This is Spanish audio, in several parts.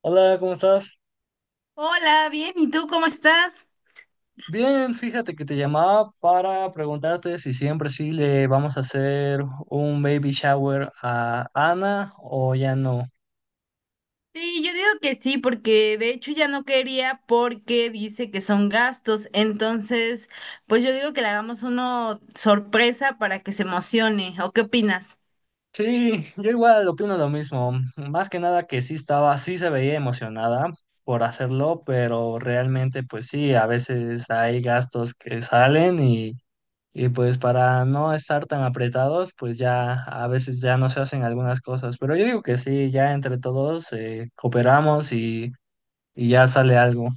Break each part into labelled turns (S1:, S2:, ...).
S1: Hola, ¿cómo estás?
S2: Hola, bien, ¿y tú cómo estás?
S1: Bien, fíjate que te llamaba para preguntarte si siempre sí le vamos a hacer un baby shower a Ana o ya no.
S2: Sí, yo digo que sí, porque de hecho ya no quería porque dice que son gastos, entonces pues yo digo que le hagamos uno sorpresa para que se emocione, ¿o qué opinas?
S1: Sí, yo igual opino lo mismo. Más que nada que sí estaba, sí se veía emocionada por hacerlo, pero realmente pues sí, a veces hay gastos que salen y pues para no estar tan apretados, pues ya a veces ya no se hacen algunas cosas. Pero yo digo que sí, ya entre todos cooperamos y ya sale algo.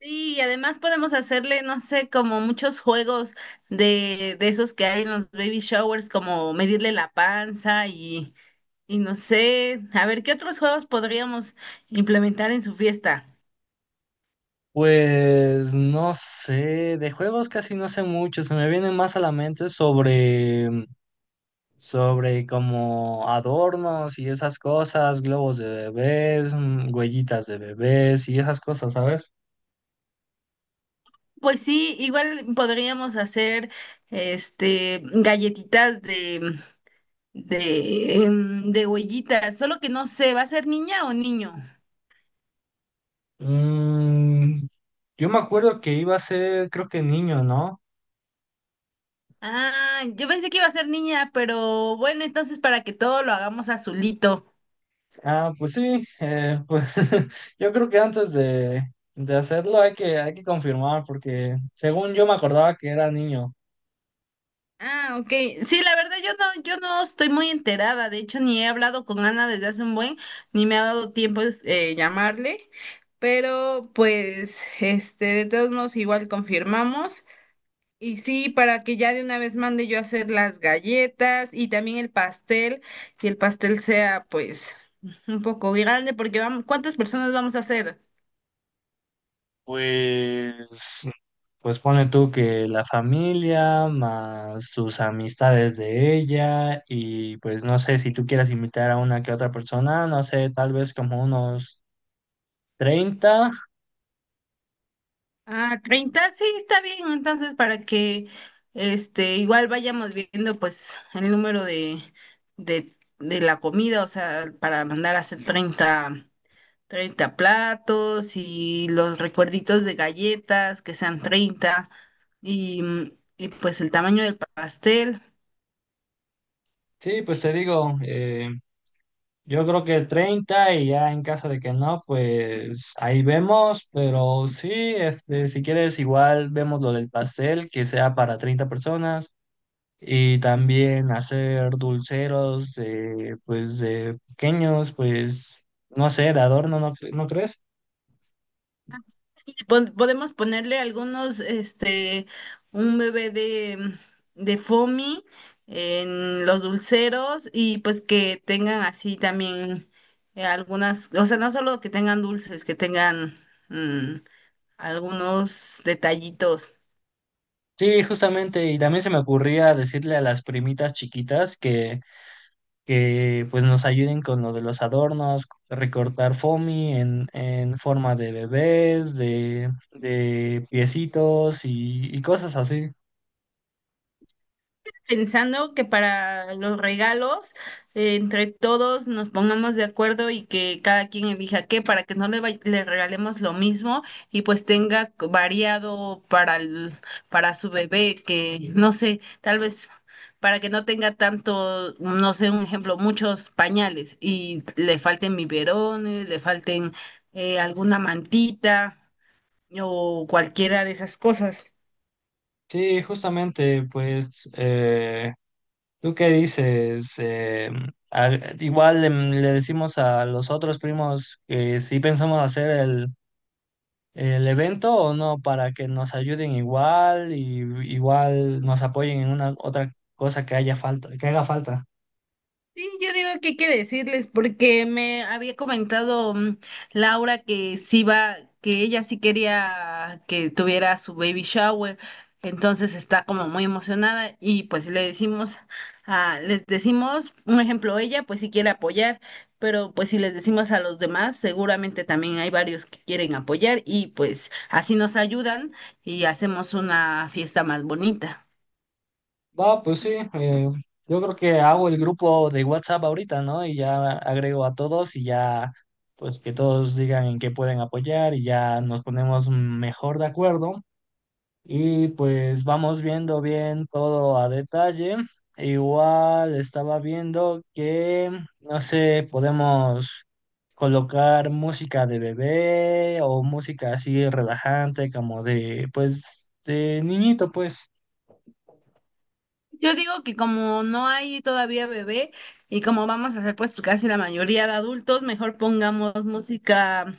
S2: Sí, y además podemos hacerle, no sé, como muchos juegos de esos que hay en los baby showers, como medirle la panza y no sé, a ver qué otros juegos podríamos implementar en su fiesta.
S1: Pues no sé, de juegos casi no sé mucho, se me vienen más a la mente sobre como adornos y esas cosas, globos de bebés, huellitas de bebés y esas cosas, ¿sabes?
S2: Pues sí, igual podríamos hacer este galletitas de huellitas, solo que no sé, ¿va a ser niña o niño?
S1: Mm, yo me acuerdo que iba a ser, creo que niño, ¿no?
S2: Ah, yo pensé que iba a ser niña, pero bueno, entonces para que todo lo hagamos azulito.
S1: Ah, pues sí, pues yo creo que antes de hacerlo hay que confirmar, porque según yo me acordaba que era niño.
S2: Ah, ok. Sí, la verdad yo no, yo no estoy muy enterada. De hecho, ni he hablado con Ana desde hace un buen, ni me ha dado tiempo llamarle. Pero pues, este, de todos modos, igual confirmamos. Y sí, para que ya de una vez mande yo a hacer las galletas y también el pastel, que el pastel sea pues un poco grande, porque vamos, ¿cuántas personas vamos a hacer?
S1: Pues, pues ponle tú que la familia, más tus amistades de ella, y pues no sé si tú quieras invitar a una que otra persona, no sé, tal vez como unos 30.
S2: Ah, 30 sí, está bien, entonces para que este igual vayamos viendo pues el número de la comida, o sea, para mandar a hacer 30 platos y los recuerditos de galletas que sean 30 y, y pues el tamaño del pastel.
S1: Sí, pues te digo, yo creo que 30 y ya en caso de que no, pues ahí vemos, pero sí, este, si quieres igual vemos lo del pastel, que sea para 30 personas. Y también hacer dulceros de, pues, de pequeños, pues, no sé, de adorno, ¿no, no crees?
S2: Pon- Podemos ponerle algunos, este, un bebé de foamy en los dulceros y pues que tengan así también algunas, o sea, no solo que tengan dulces, que tengan mm, algunos detallitos.
S1: Sí, justamente, y también se me ocurría decirle a las primitas chiquitas que pues nos ayuden con lo de los adornos, recortar foamy en forma de bebés, de piecitos y cosas así.
S2: Pensando que para los regalos, entre todos nos pongamos de acuerdo y que cada quien elija qué, para que no le, vay- le regalemos lo mismo y pues tenga c- variado para, el- para su bebé, que no sé, tal vez para que no tenga tanto, no sé, un ejemplo, muchos pañales y le falten biberones, le falten alguna mantita o cualquiera de esas cosas.
S1: Sí, justamente, pues ¿tú qué dices? Igual le decimos a los otros primos que si pensamos hacer el evento o no, para que nos ayuden igual y igual nos apoyen en una otra cosa que haya falta, que haga falta.
S2: Sí, yo digo que hay que decirles, porque me había comentado Laura que sí va, que ella sí quería que tuviera su baby shower, entonces está como muy emocionada y pues le decimos, a, les decimos, un ejemplo, ella pues sí quiere apoyar, pero pues si les decimos a los demás, seguramente también hay varios que quieren apoyar y pues así nos ayudan y hacemos una fiesta más bonita.
S1: Va, pues sí, yo creo que hago el grupo de WhatsApp ahorita, ¿no? Y ya agrego a todos y ya, pues que todos digan en qué pueden apoyar y ya nos ponemos mejor de acuerdo. Y pues vamos viendo bien todo a detalle. Igual estaba viendo que, no sé, podemos colocar música de bebé o música así relajante como de, pues, de niñito, pues.
S2: Yo digo que como no hay todavía bebé y como vamos a hacer pues casi la mayoría de adultos, mejor pongamos música,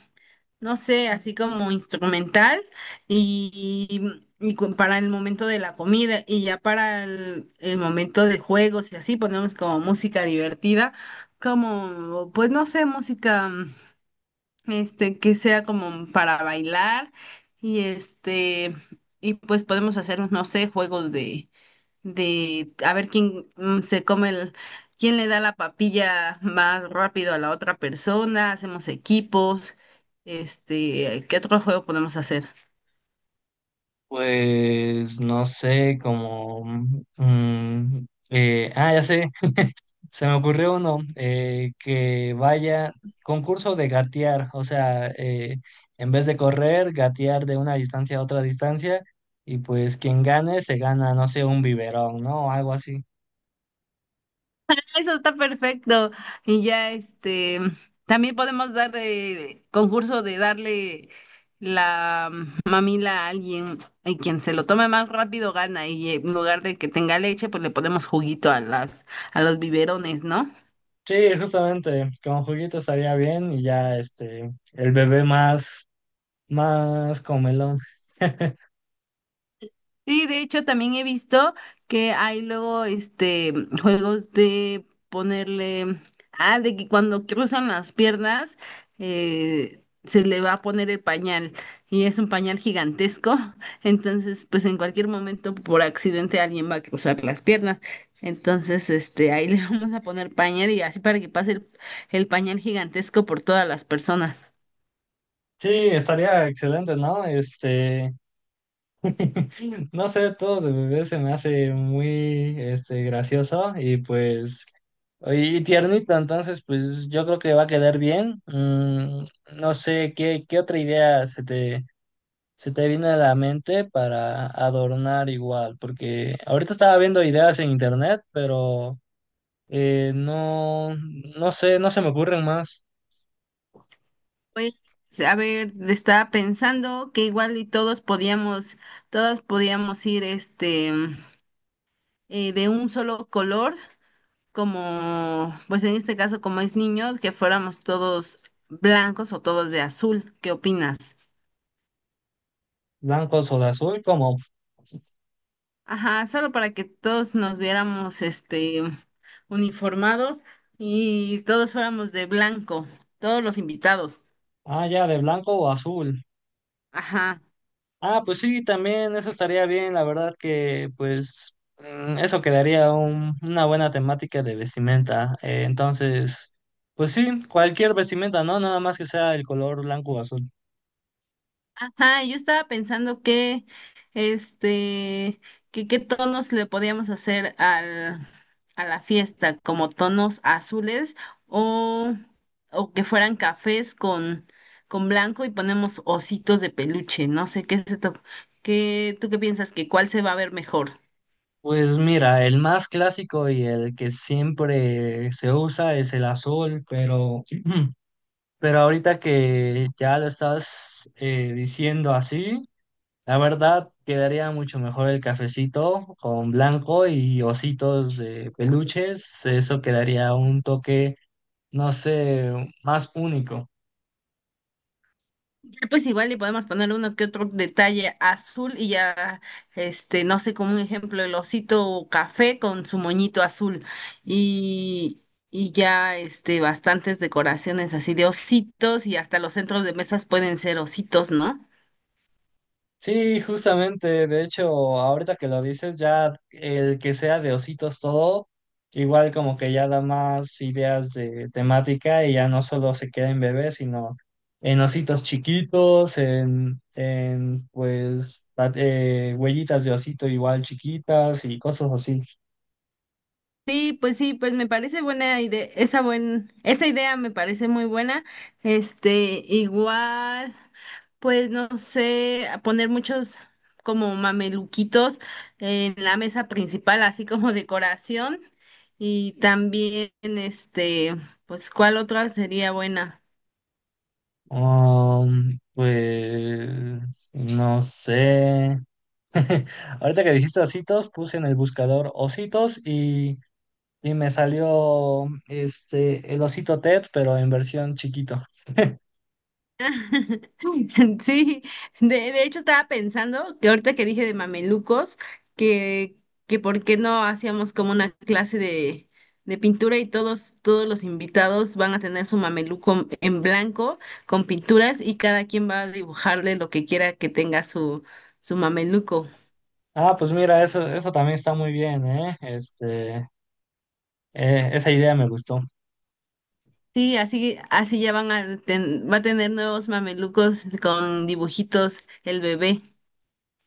S2: no sé, así como instrumental y cu- para el momento de la comida y ya para el momento de juegos y así ponemos como música divertida, como pues no sé, música este que sea como para bailar y este y pues podemos hacer, no sé, juegos de a ver quién se come el, quién le da la papilla más rápido a la otra persona, hacemos equipos, este, ¿qué otro juego podemos hacer?
S1: Pues, no sé, como ya sé. Se me ocurrió uno, que vaya concurso de gatear, o sea, en vez de correr, gatear de una distancia a otra distancia y pues quien gane se gana, no sé, un biberón, ¿no? O algo así.
S2: Eso está perfecto. Y ya este, también podemos dar de concurso de darle la mamila a alguien y quien se lo tome más rápido gana y en lugar de que tenga leche, pues le ponemos juguito a las a los biberones, ¿no?
S1: Sí, justamente, con juguito estaría bien y ya este, el bebé más comelón.
S2: Sí, de hecho también he visto que hay luego este juegos de ponerle, ah, de que cuando cruzan las piernas se le va a poner el pañal y es un pañal gigantesco, entonces pues en cualquier momento por accidente alguien va a cruzar las piernas, entonces este ahí le vamos a poner pañal y así para que pase el pañal gigantesco por todas las personas.
S1: Sí, estaría excelente, ¿no? Este, no sé, todo de bebé se me hace muy este, gracioso y pues y tiernito, entonces pues yo creo que va a quedar bien. No sé, ¿qué otra idea se te vino a la mente para adornar igual? Porque ahorita estaba viendo ideas en internet, pero eh, no, no sé, no se me ocurren más
S2: Pues, a ver, estaba pensando que igual y todos podíamos, todas podíamos ir este de un solo color, como, pues en este caso, como es niños, que fuéramos todos blancos o todos de azul. ¿Qué opinas?
S1: blancos o de azul, como,
S2: Ajá, solo para que todos nos viéramos este uniformados y todos fuéramos de blanco, todos los invitados.
S1: ah, ya, de blanco o azul.
S2: Ajá.
S1: Ah, pues sí, también eso estaría bien, la verdad que pues eso quedaría una buena temática de vestimenta. Entonces, pues sí, cualquier vestimenta, ¿no? Nada más que sea el color blanco o azul.
S2: Ajá, yo estaba pensando que, este, que qué tonos le podíamos hacer al, a la fiesta, como tonos azules o, o que fueran cafés con blanco y ponemos ositos de peluche. No sé qué se to- qué, ¿tú qué piensas que cuál se va a ver mejor?
S1: Pues mira, el más clásico y el que siempre se usa es el azul, pero pero ahorita que ya lo estás diciendo así. La verdad, quedaría mucho mejor el cafecito con blanco y ositos de peluches. Eso quedaría un toque, no sé, más único.
S2: Ya, pues igual le podemos poner uno que otro detalle azul y ya, este, no sé, como un ejemplo, el osito café con su moñito azul y, y ya, este, bastantes decoraciones así de ositos y hasta los centros de mesas pueden ser ositos, ¿no?
S1: Sí, justamente, de hecho, ahorita que lo dices, ya el que sea de ositos todo, igual como que ya da más ideas de temática y ya no solo se queda en bebés, sino en ositos chiquitos, en pues huellitas de osito igual chiquitas y cosas así.
S2: Sí, pues me parece buena idea, esa buen, esa idea me parece muy buena. Este, igual, pues no sé, a poner muchos como mameluquitos en la mesa principal, así como decoración. Y también, este, pues, ¿cuál otra sería buena?
S1: Pues no sé. Ahorita que dijiste ositos, puse en el buscador ositos y me salió este el osito Ted, pero en versión chiquito.
S2: Sí, de hecho estaba pensando que ahorita que dije de mamelucos, que, que por qué no hacíamos como una clase de pintura y todos, todos los invitados van a tener su mameluco en blanco con pinturas y cada quien va a dibujarle lo que quiera que tenga su, su mameluco.
S1: Ah, pues mira, eso también está muy bien, ¿eh? Este, esa idea me gustó.
S2: Sí, así, así ya van a ten- va a tener nuevos mamelucos con dibujitos el bebé.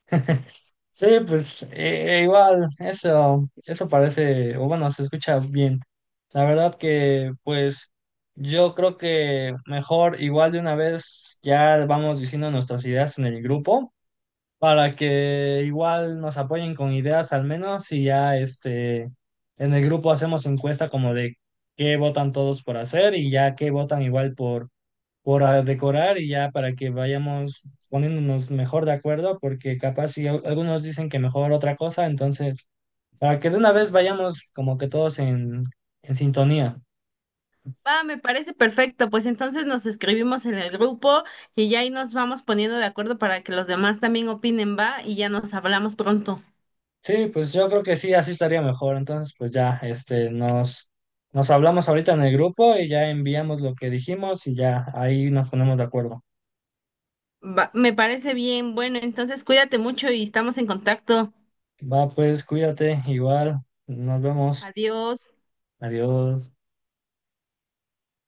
S1: Sí, pues igual, eso parece, o bueno, se escucha bien. La verdad que, pues, yo creo que mejor, igual de una vez, ya vamos diciendo nuestras ideas en el grupo, para que igual nos apoyen con ideas al menos, y ya este, en el grupo hacemos encuesta como de qué votan todos por hacer y ya qué votan igual por decorar y ya para que vayamos poniéndonos mejor de acuerdo, porque capaz si algunos dicen que mejor otra cosa, entonces para que de una vez vayamos como que todos en sintonía.
S2: Va, me parece perfecto. Pues entonces nos escribimos en el grupo y ya ahí nos vamos poniendo de acuerdo para que los demás también opinen, va, y ya nos hablamos pronto.
S1: Sí, pues yo creo que sí, así estaría mejor. Entonces, pues ya, este, nos hablamos ahorita en el grupo y ya enviamos lo que dijimos y ya ahí nos ponemos de acuerdo.
S2: Va, me parece bien. Bueno, entonces cuídate mucho y estamos en contacto.
S1: Va, pues cuídate, igual, nos vemos.
S2: Adiós.
S1: Adiós.